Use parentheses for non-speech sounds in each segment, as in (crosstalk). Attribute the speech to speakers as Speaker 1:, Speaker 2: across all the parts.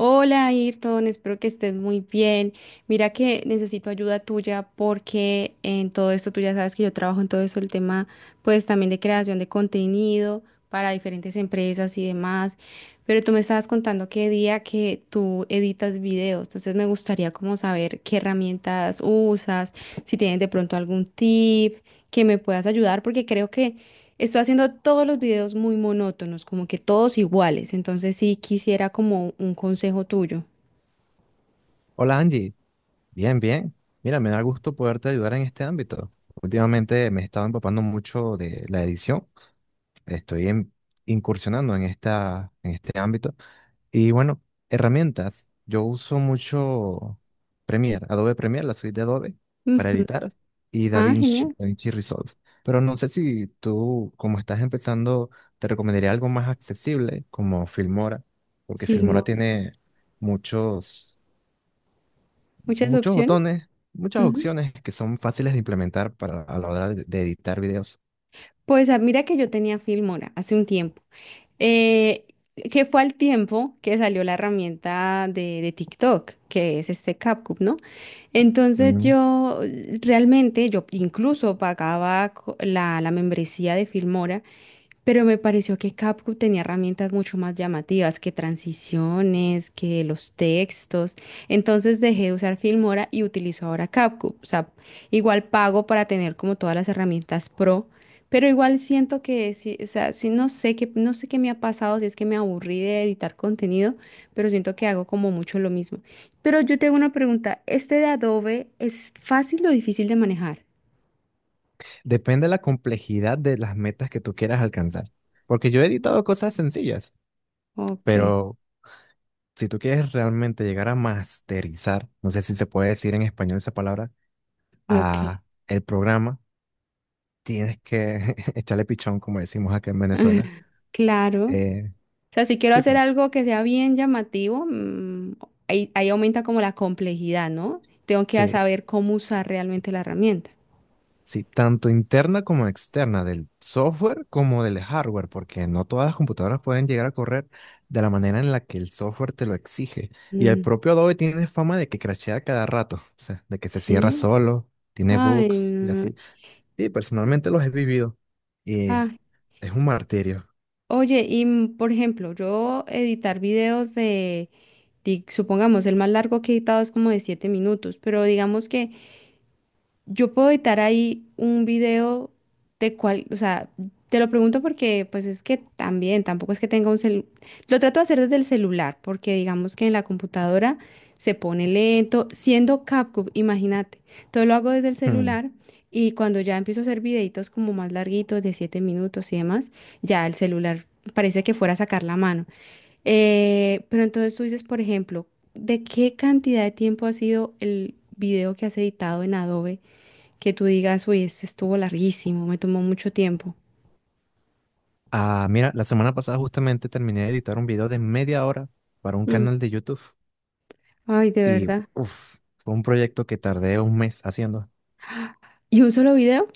Speaker 1: Hola Ayrton, espero que estés muy bien. Mira que necesito ayuda tuya porque en todo esto tú ya sabes que yo trabajo en todo eso, el tema pues también de creación de contenido para diferentes empresas y demás, pero tú me estabas contando qué día que tú editas videos, entonces me gustaría como saber qué herramientas usas, si tienes de pronto algún tip que me puedas ayudar porque creo que estoy haciendo todos los videos muy monótonos, como que todos iguales. Entonces sí quisiera como un consejo tuyo.
Speaker 2: Hola Angie, bien, bien. Mira, me da gusto poderte ayudar en este ámbito. Últimamente me he estado empapando mucho de la edición. Estoy en- Incursionando en este ámbito. Y bueno, herramientas. Yo uso mucho Premiere, Adobe Premiere, la suite de Adobe para
Speaker 1: Ujú.
Speaker 2: editar y
Speaker 1: Ah,
Speaker 2: DaVinci,
Speaker 1: genial.
Speaker 2: DaVinci Resolve. Pero no sé si tú, como estás empezando, te recomendaría algo más accesible como Filmora, porque Filmora
Speaker 1: Filmo.
Speaker 2: tiene muchos
Speaker 1: Muchas
Speaker 2: muchos
Speaker 1: opciones.
Speaker 2: botones, muchas
Speaker 1: Ujú.
Speaker 2: opciones que son fáciles de implementar para a la hora de editar videos.
Speaker 1: Pues mira que yo tenía Filmora hace un tiempo. Eh, que fue al tiempo que salió la herramienta de TikTok, que es este CapCut, ¿no? Entonces
Speaker 2: Mm.
Speaker 1: yo realmente, yo incluso pagaba la membresía de Filmora. Pero me pareció que CapCut tenía herramientas mucho más llamativas que transiciones, que los textos. Entonces dejé de usar Filmora y utilizo ahora CapCut. O sea, igual pago para tener como todas las herramientas pro, pero igual siento que sí, o sea, sí no sé qué me ha pasado, si es que me aburrí de editar contenido, pero siento que hago como mucho lo mismo. Pero yo tengo una pregunta, ¿este de Adobe es fácil o difícil de manejar?
Speaker 2: Depende de la complejidad de las metas que tú quieras alcanzar. Porque yo he editado cosas sencillas,
Speaker 1: Ok,
Speaker 2: pero si tú quieres realmente llegar a masterizar, no sé si se puede decir en español esa palabra,
Speaker 1: ok,
Speaker 2: a el programa, tienes que (laughs) echarle pichón, como decimos acá en Venezuela.
Speaker 1: claro. O
Speaker 2: Eh,
Speaker 1: sea, si quiero
Speaker 2: sí,
Speaker 1: hacer algo que sea bien llamativo, ahí aumenta como la complejidad, ¿no? Tengo que
Speaker 2: sí,
Speaker 1: saber cómo usar realmente la herramienta.
Speaker 2: sí, tanto interna como externa, del software como del hardware, porque no todas las computadoras pueden llegar a correr de la manera en la que el software te lo exige. Y el
Speaker 1: Mm,
Speaker 2: propio Adobe tiene fama de que crashea cada rato, o sea, de que se cierra
Speaker 1: sí.
Speaker 2: solo, tiene
Speaker 1: Ay,
Speaker 2: bugs y
Speaker 1: no.
Speaker 2: así. Sí, personalmente los he vivido
Speaker 1: Ah,
Speaker 2: y es un martirio.
Speaker 1: oye, y por ejemplo, yo editar videos de, supongamos, el más largo que he editado es como de 7 minutos, pero digamos que yo puedo editar ahí un video de cual, o sea, te lo pregunto porque pues es que también, tampoco es que tenga un celular. Lo trato de hacer desde el celular porque digamos que en la computadora se pone lento, siendo CapCut, imagínate. Todo lo hago desde el
Speaker 2: Hmm.
Speaker 1: celular y cuando ya empiezo a hacer videitos como más larguitos, de 7 minutos y demás, ya el celular parece que fuera a sacar la mano. Pero entonces tú dices, por ejemplo, ¿de qué cantidad de tiempo ha sido el video que has editado en Adobe? Que tú digas, uy, este estuvo larguísimo, me tomó mucho tiempo.
Speaker 2: Ah, mira, la semana pasada justamente terminé de editar un video de media hora para un
Speaker 1: Mm,
Speaker 2: canal de YouTube
Speaker 1: ay, de
Speaker 2: y,
Speaker 1: verdad.
Speaker 2: uff, fue un proyecto que tardé un mes haciendo.
Speaker 1: ¿Y un solo video?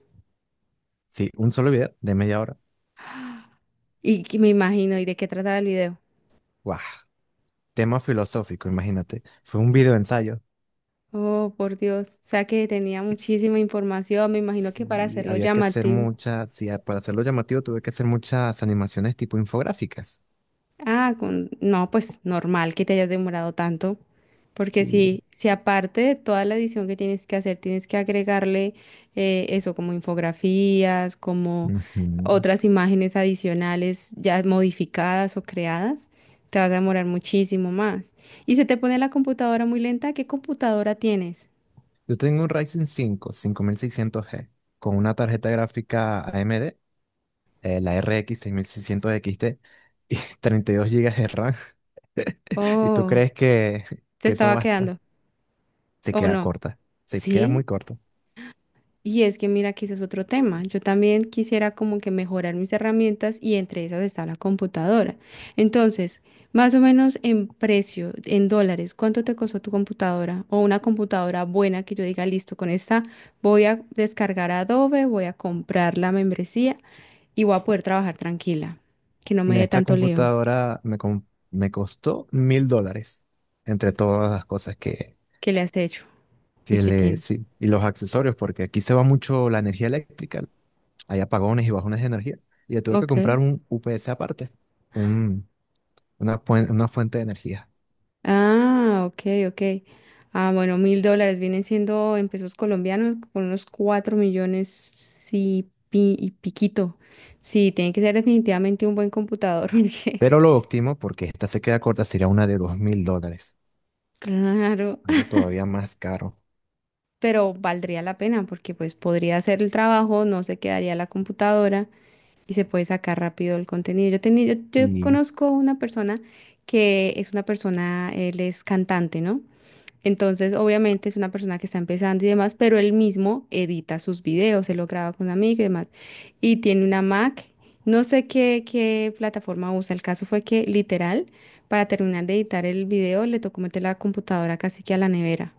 Speaker 2: Sí, un solo video de media hora.
Speaker 1: Y que me imagino, ¿y de qué trataba el video?
Speaker 2: ¡Guau! Tema filosófico, imagínate. Fue un video ensayo.
Speaker 1: Oh, por Dios. O sea que tenía muchísima información, me imagino que para
Speaker 2: Sí,
Speaker 1: hacerlo
Speaker 2: había que hacer
Speaker 1: llamativo.
Speaker 2: muchas, sí, para hacerlo llamativo tuve que hacer muchas animaciones tipo infográficas.
Speaker 1: Ah, no, pues normal que te hayas demorado tanto, porque
Speaker 2: Sí.
Speaker 1: si aparte de toda la edición que tienes que hacer, tienes que agregarle eso como infografías, como
Speaker 2: Ujú.
Speaker 1: otras imágenes adicionales ya modificadas o creadas, te vas a demorar muchísimo más. Y se te pone la computadora muy lenta, ¿qué computadora tienes?
Speaker 2: Yo tengo un Ryzen 5, 5600G con una tarjeta gráfica AMD, la RX 6600 XT y (laughs) 32 gigas de RAM. (laughs) ¿Y tú
Speaker 1: Oh,
Speaker 2: crees
Speaker 1: te
Speaker 2: que eso
Speaker 1: estaba
Speaker 2: basta?
Speaker 1: quedando,
Speaker 2: Se
Speaker 1: ¿o
Speaker 2: queda
Speaker 1: no?
Speaker 2: corta, se queda
Speaker 1: Sí,
Speaker 2: muy corta.
Speaker 1: y es que mira que ese es otro tema. Yo también quisiera como que mejorar mis herramientas y entre esas está la computadora. Entonces, más o menos en precio, en dólares, ¿cuánto te costó tu computadora? O una computadora buena que yo diga, listo, con esta voy a descargar Adobe, voy a comprar la membresía y voy a poder trabajar tranquila, que no me
Speaker 2: Mira,
Speaker 1: dé
Speaker 2: esta
Speaker 1: tanto lío.
Speaker 2: computadora me costó $1000 entre todas las cosas que
Speaker 1: ¿Qué le has hecho? ¿Y qué
Speaker 2: tiene,
Speaker 1: tiene?
Speaker 2: sí, y los accesorios, porque aquí se va mucho la energía eléctrica, hay apagones y bajones de energía, y le tuve que
Speaker 1: Ok.
Speaker 2: comprar un UPS aparte, un, una fuente de energía.
Speaker 1: Ah, ok, ok. Ah, bueno, $1,000 vienen siendo en pesos colombianos con unos 4 millones y piquito. Sí, tiene que ser definitivamente un buen computador, (laughs) porque
Speaker 2: Pero lo óptimo, porque esta se queda corta, sería una de $2000,
Speaker 1: claro,
Speaker 2: algo todavía más caro.
Speaker 1: (laughs) pero valdría la pena porque pues podría hacer el trabajo, no se quedaría la computadora y se puede sacar rápido el contenido. Yo
Speaker 2: Y
Speaker 1: conozco una persona que es una persona, él es cantante, ¿no? Entonces, obviamente es una persona que está empezando y demás, pero él mismo edita sus videos, él lo graba con amigos y demás. Y tiene una Mac, no sé qué, plataforma usa. El caso fue que literal, para terminar de editar el video, le tocó meter la computadora casi que a la nevera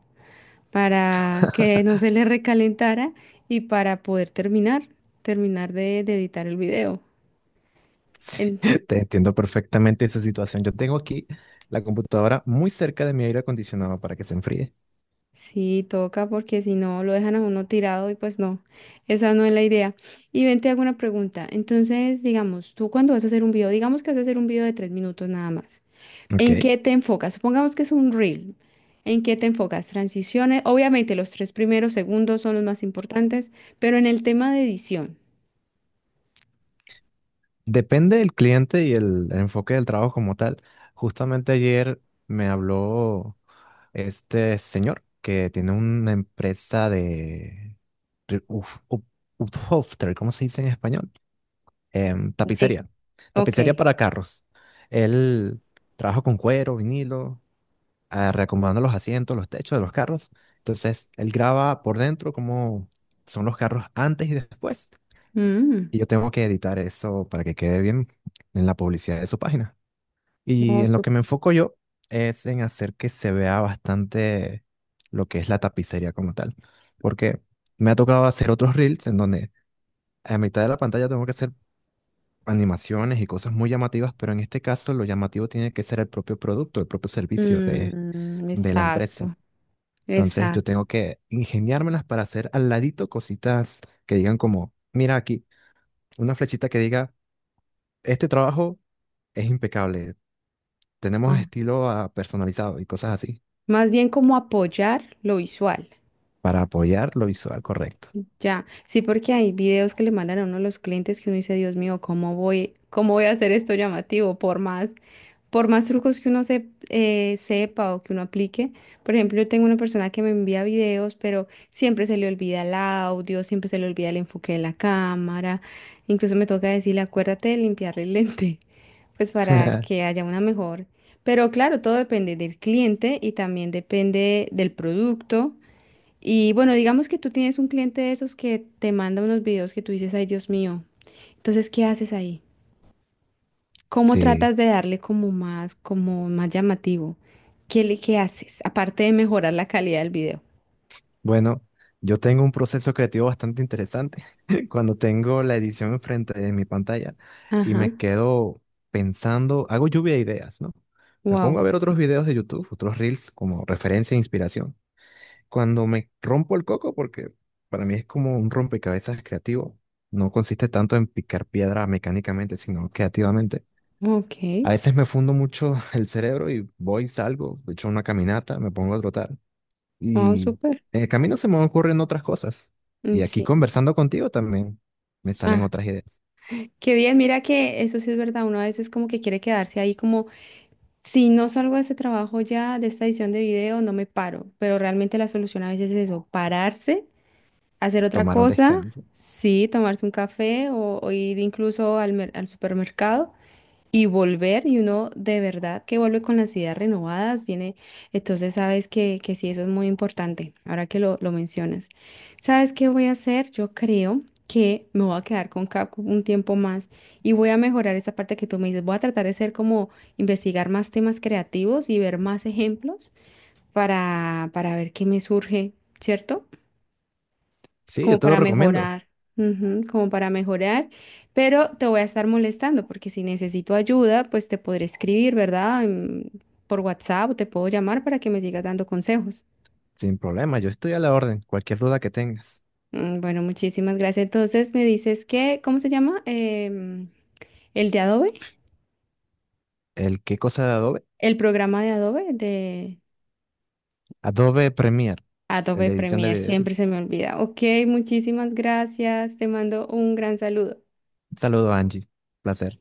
Speaker 1: para que no se le recalentara y para poder terminar de editar el video.
Speaker 2: (laughs) te entiendo perfectamente esa situación. Yo tengo aquí la computadora muy cerca de mi aire acondicionado para que se enfríe.
Speaker 1: Sí, toca porque si no lo dejan a uno tirado y pues no, esa no es la idea. Y ven, te hago una pregunta. Entonces, digamos, tú cuando vas a hacer un video, digamos que vas a hacer un video de 3 minutos nada más,
Speaker 2: Ok.
Speaker 1: ¿en qué te enfocas? Supongamos que es un reel. ¿En qué te enfocas? Transiciones, obviamente los tres primeros segundos son los más importantes, pero en el tema de edición.
Speaker 2: Depende del cliente y el enfoque del trabajo como tal. Justamente ayer me habló este señor que tiene una empresa de Uphofter, ¿cómo se dice en español?
Speaker 1: De...
Speaker 2: Tapicería.
Speaker 1: Ok.
Speaker 2: Tapicería para carros. Él trabaja con cuero, vinilo, reacomodando los asientos, los techos de los carros. Entonces, él graba por dentro cómo son los carros antes y después.
Speaker 1: Mm,
Speaker 2: Y yo tengo que editar eso para que quede bien en la publicidad de su página. Y
Speaker 1: no,
Speaker 2: en lo que me enfoco yo es en hacer que se vea bastante lo que es la tapicería como tal. Porque me ha tocado hacer otros reels en donde a mitad de la pantalla tengo que hacer animaciones y cosas muy llamativas, pero en este caso lo llamativo tiene que ser el propio producto, el propio servicio de la empresa.
Speaker 1: exacto.
Speaker 2: Entonces yo
Speaker 1: Exacto.
Speaker 2: tengo que ingeniármelas para hacer al ladito cositas que digan como, mira aquí, una flechita que diga, este trabajo es impecable. Tenemos
Speaker 1: Ah,
Speaker 2: estilo personalizado y cosas así
Speaker 1: más bien como apoyar lo visual.
Speaker 2: para apoyar lo visual correcto.
Speaker 1: Ya, sí, porque hay videos que le mandan a uno de los clientes que uno dice, Dios mío, ¿cómo voy a hacer esto llamativo? Por más trucos que uno se, sepa o que uno aplique. Por ejemplo, yo tengo una persona que me envía videos, pero siempre se le olvida el audio, siempre se le olvida el enfoque de la cámara. Incluso me toca decirle, acuérdate de limpiarle el lente, (laughs) pues para que
Speaker 2: (laughs)
Speaker 1: haya una mejor. Pero claro, todo depende del cliente y también depende del producto y bueno, digamos que tú tienes un cliente de esos que te manda unos videos que tú dices, ay, Dios mío. Entonces, ¿qué haces ahí? ¿Cómo
Speaker 2: Sí,
Speaker 1: tratas de darle como más, llamativo? ¿Qué haces? Aparte de mejorar la calidad del video.
Speaker 2: bueno, yo tengo un proceso creativo bastante interesante (laughs) cuando tengo la edición enfrente de mi pantalla y
Speaker 1: Ajá.
Speaker 2: me quedo pensando, hago lluvia de ideas, ¿no? Me pongo
Speaker 1: Wow.
Speaker 2: a ver otros videos de YouTube, otros reels como referencia e inspiración. Cuando me rompo el coco, porque para mí es como un rompecabezas creativo, no consiste tanto en picar piedra mecánicamente, sino creativamente.
Speaker 1: Ok.
Speaker 2: A veces me fundo mucho (laughs) el cerebro y voy, salgo, echo una caminata, me pongo a trotar
Speaker 1: Wow,
Speaker 2: y
Speaker 1: súper.
Speaker 2: en el camino se me ocurren otras cosas.
Speaker 1: Mm,
Speaker 2: Y aquí
Speaker 1: sí.
Speaker 2: conversando contigo también me salen
Speaker 1: Ah,
Speaker 2: otras ideas.
Speaker 1: qué bien. Mira que eso sí es verdad. Uno a veces como que quiere quedarse ahí como, si no salgo de este trabajo ya, de esta edición de video, no me paro. Pero realmente la solución a veces es eso, pararse hacer otra
Speaker 2: Tomar un
Speaker 1: cosa,
Speaker 2: descanso.
Speaker 1: sí, tomarse un café o ir incluso al, al supermercado y volver y uno de verdad que vuelve con las ideas renovadas, viene, entonces sabes que sí, eso es muy importante, ahora que lo mencionas. ¿Sabes qué voy a hacer? Yo creo que me voy a quedar con Kaku un tiempo más y voy a mejorar esa parte que tú me dices, voy a tratar de ser como investigar más temas creativos y ver más ejemplos para ver qué me surge, ¿cierto?
Speaker 2: Sí,
Speaker 1: Como
Speaker 2: yo te lo
Speaker 1: para
Speaker 2: recomiendo,
Speaker 1: mejorar, ujú, como para mejorar, pero te voy a estar molestando porque si necesito ayuda, pues te podré escribir, ¿verdad? Por WhatsApp o te puedo llamar para que me sigas dando consejos.
Speaker 2: sin problema, yo estoy a la orden, cualquier duda que tengas.
Speaker 1: Mm, bueno, muchísimas gracias. Entonces me dices que, ¿cómo se llama? El de Adobe,
Speaker 2: ¿El qué cosa de Adobe?
Speaker 1: el programa de
Speaker 2: Adobe Premiere, el
Speaker 1: Adobe
Speaker 2: de edición de
Speaker 1: Premiere,
Speaker 2: video.
Speaker 1: siempre se me olvida. Ok, muchísimas gracias. Te mando un gran saludo.
Speaker 2: Un saludo, Angie. Placer.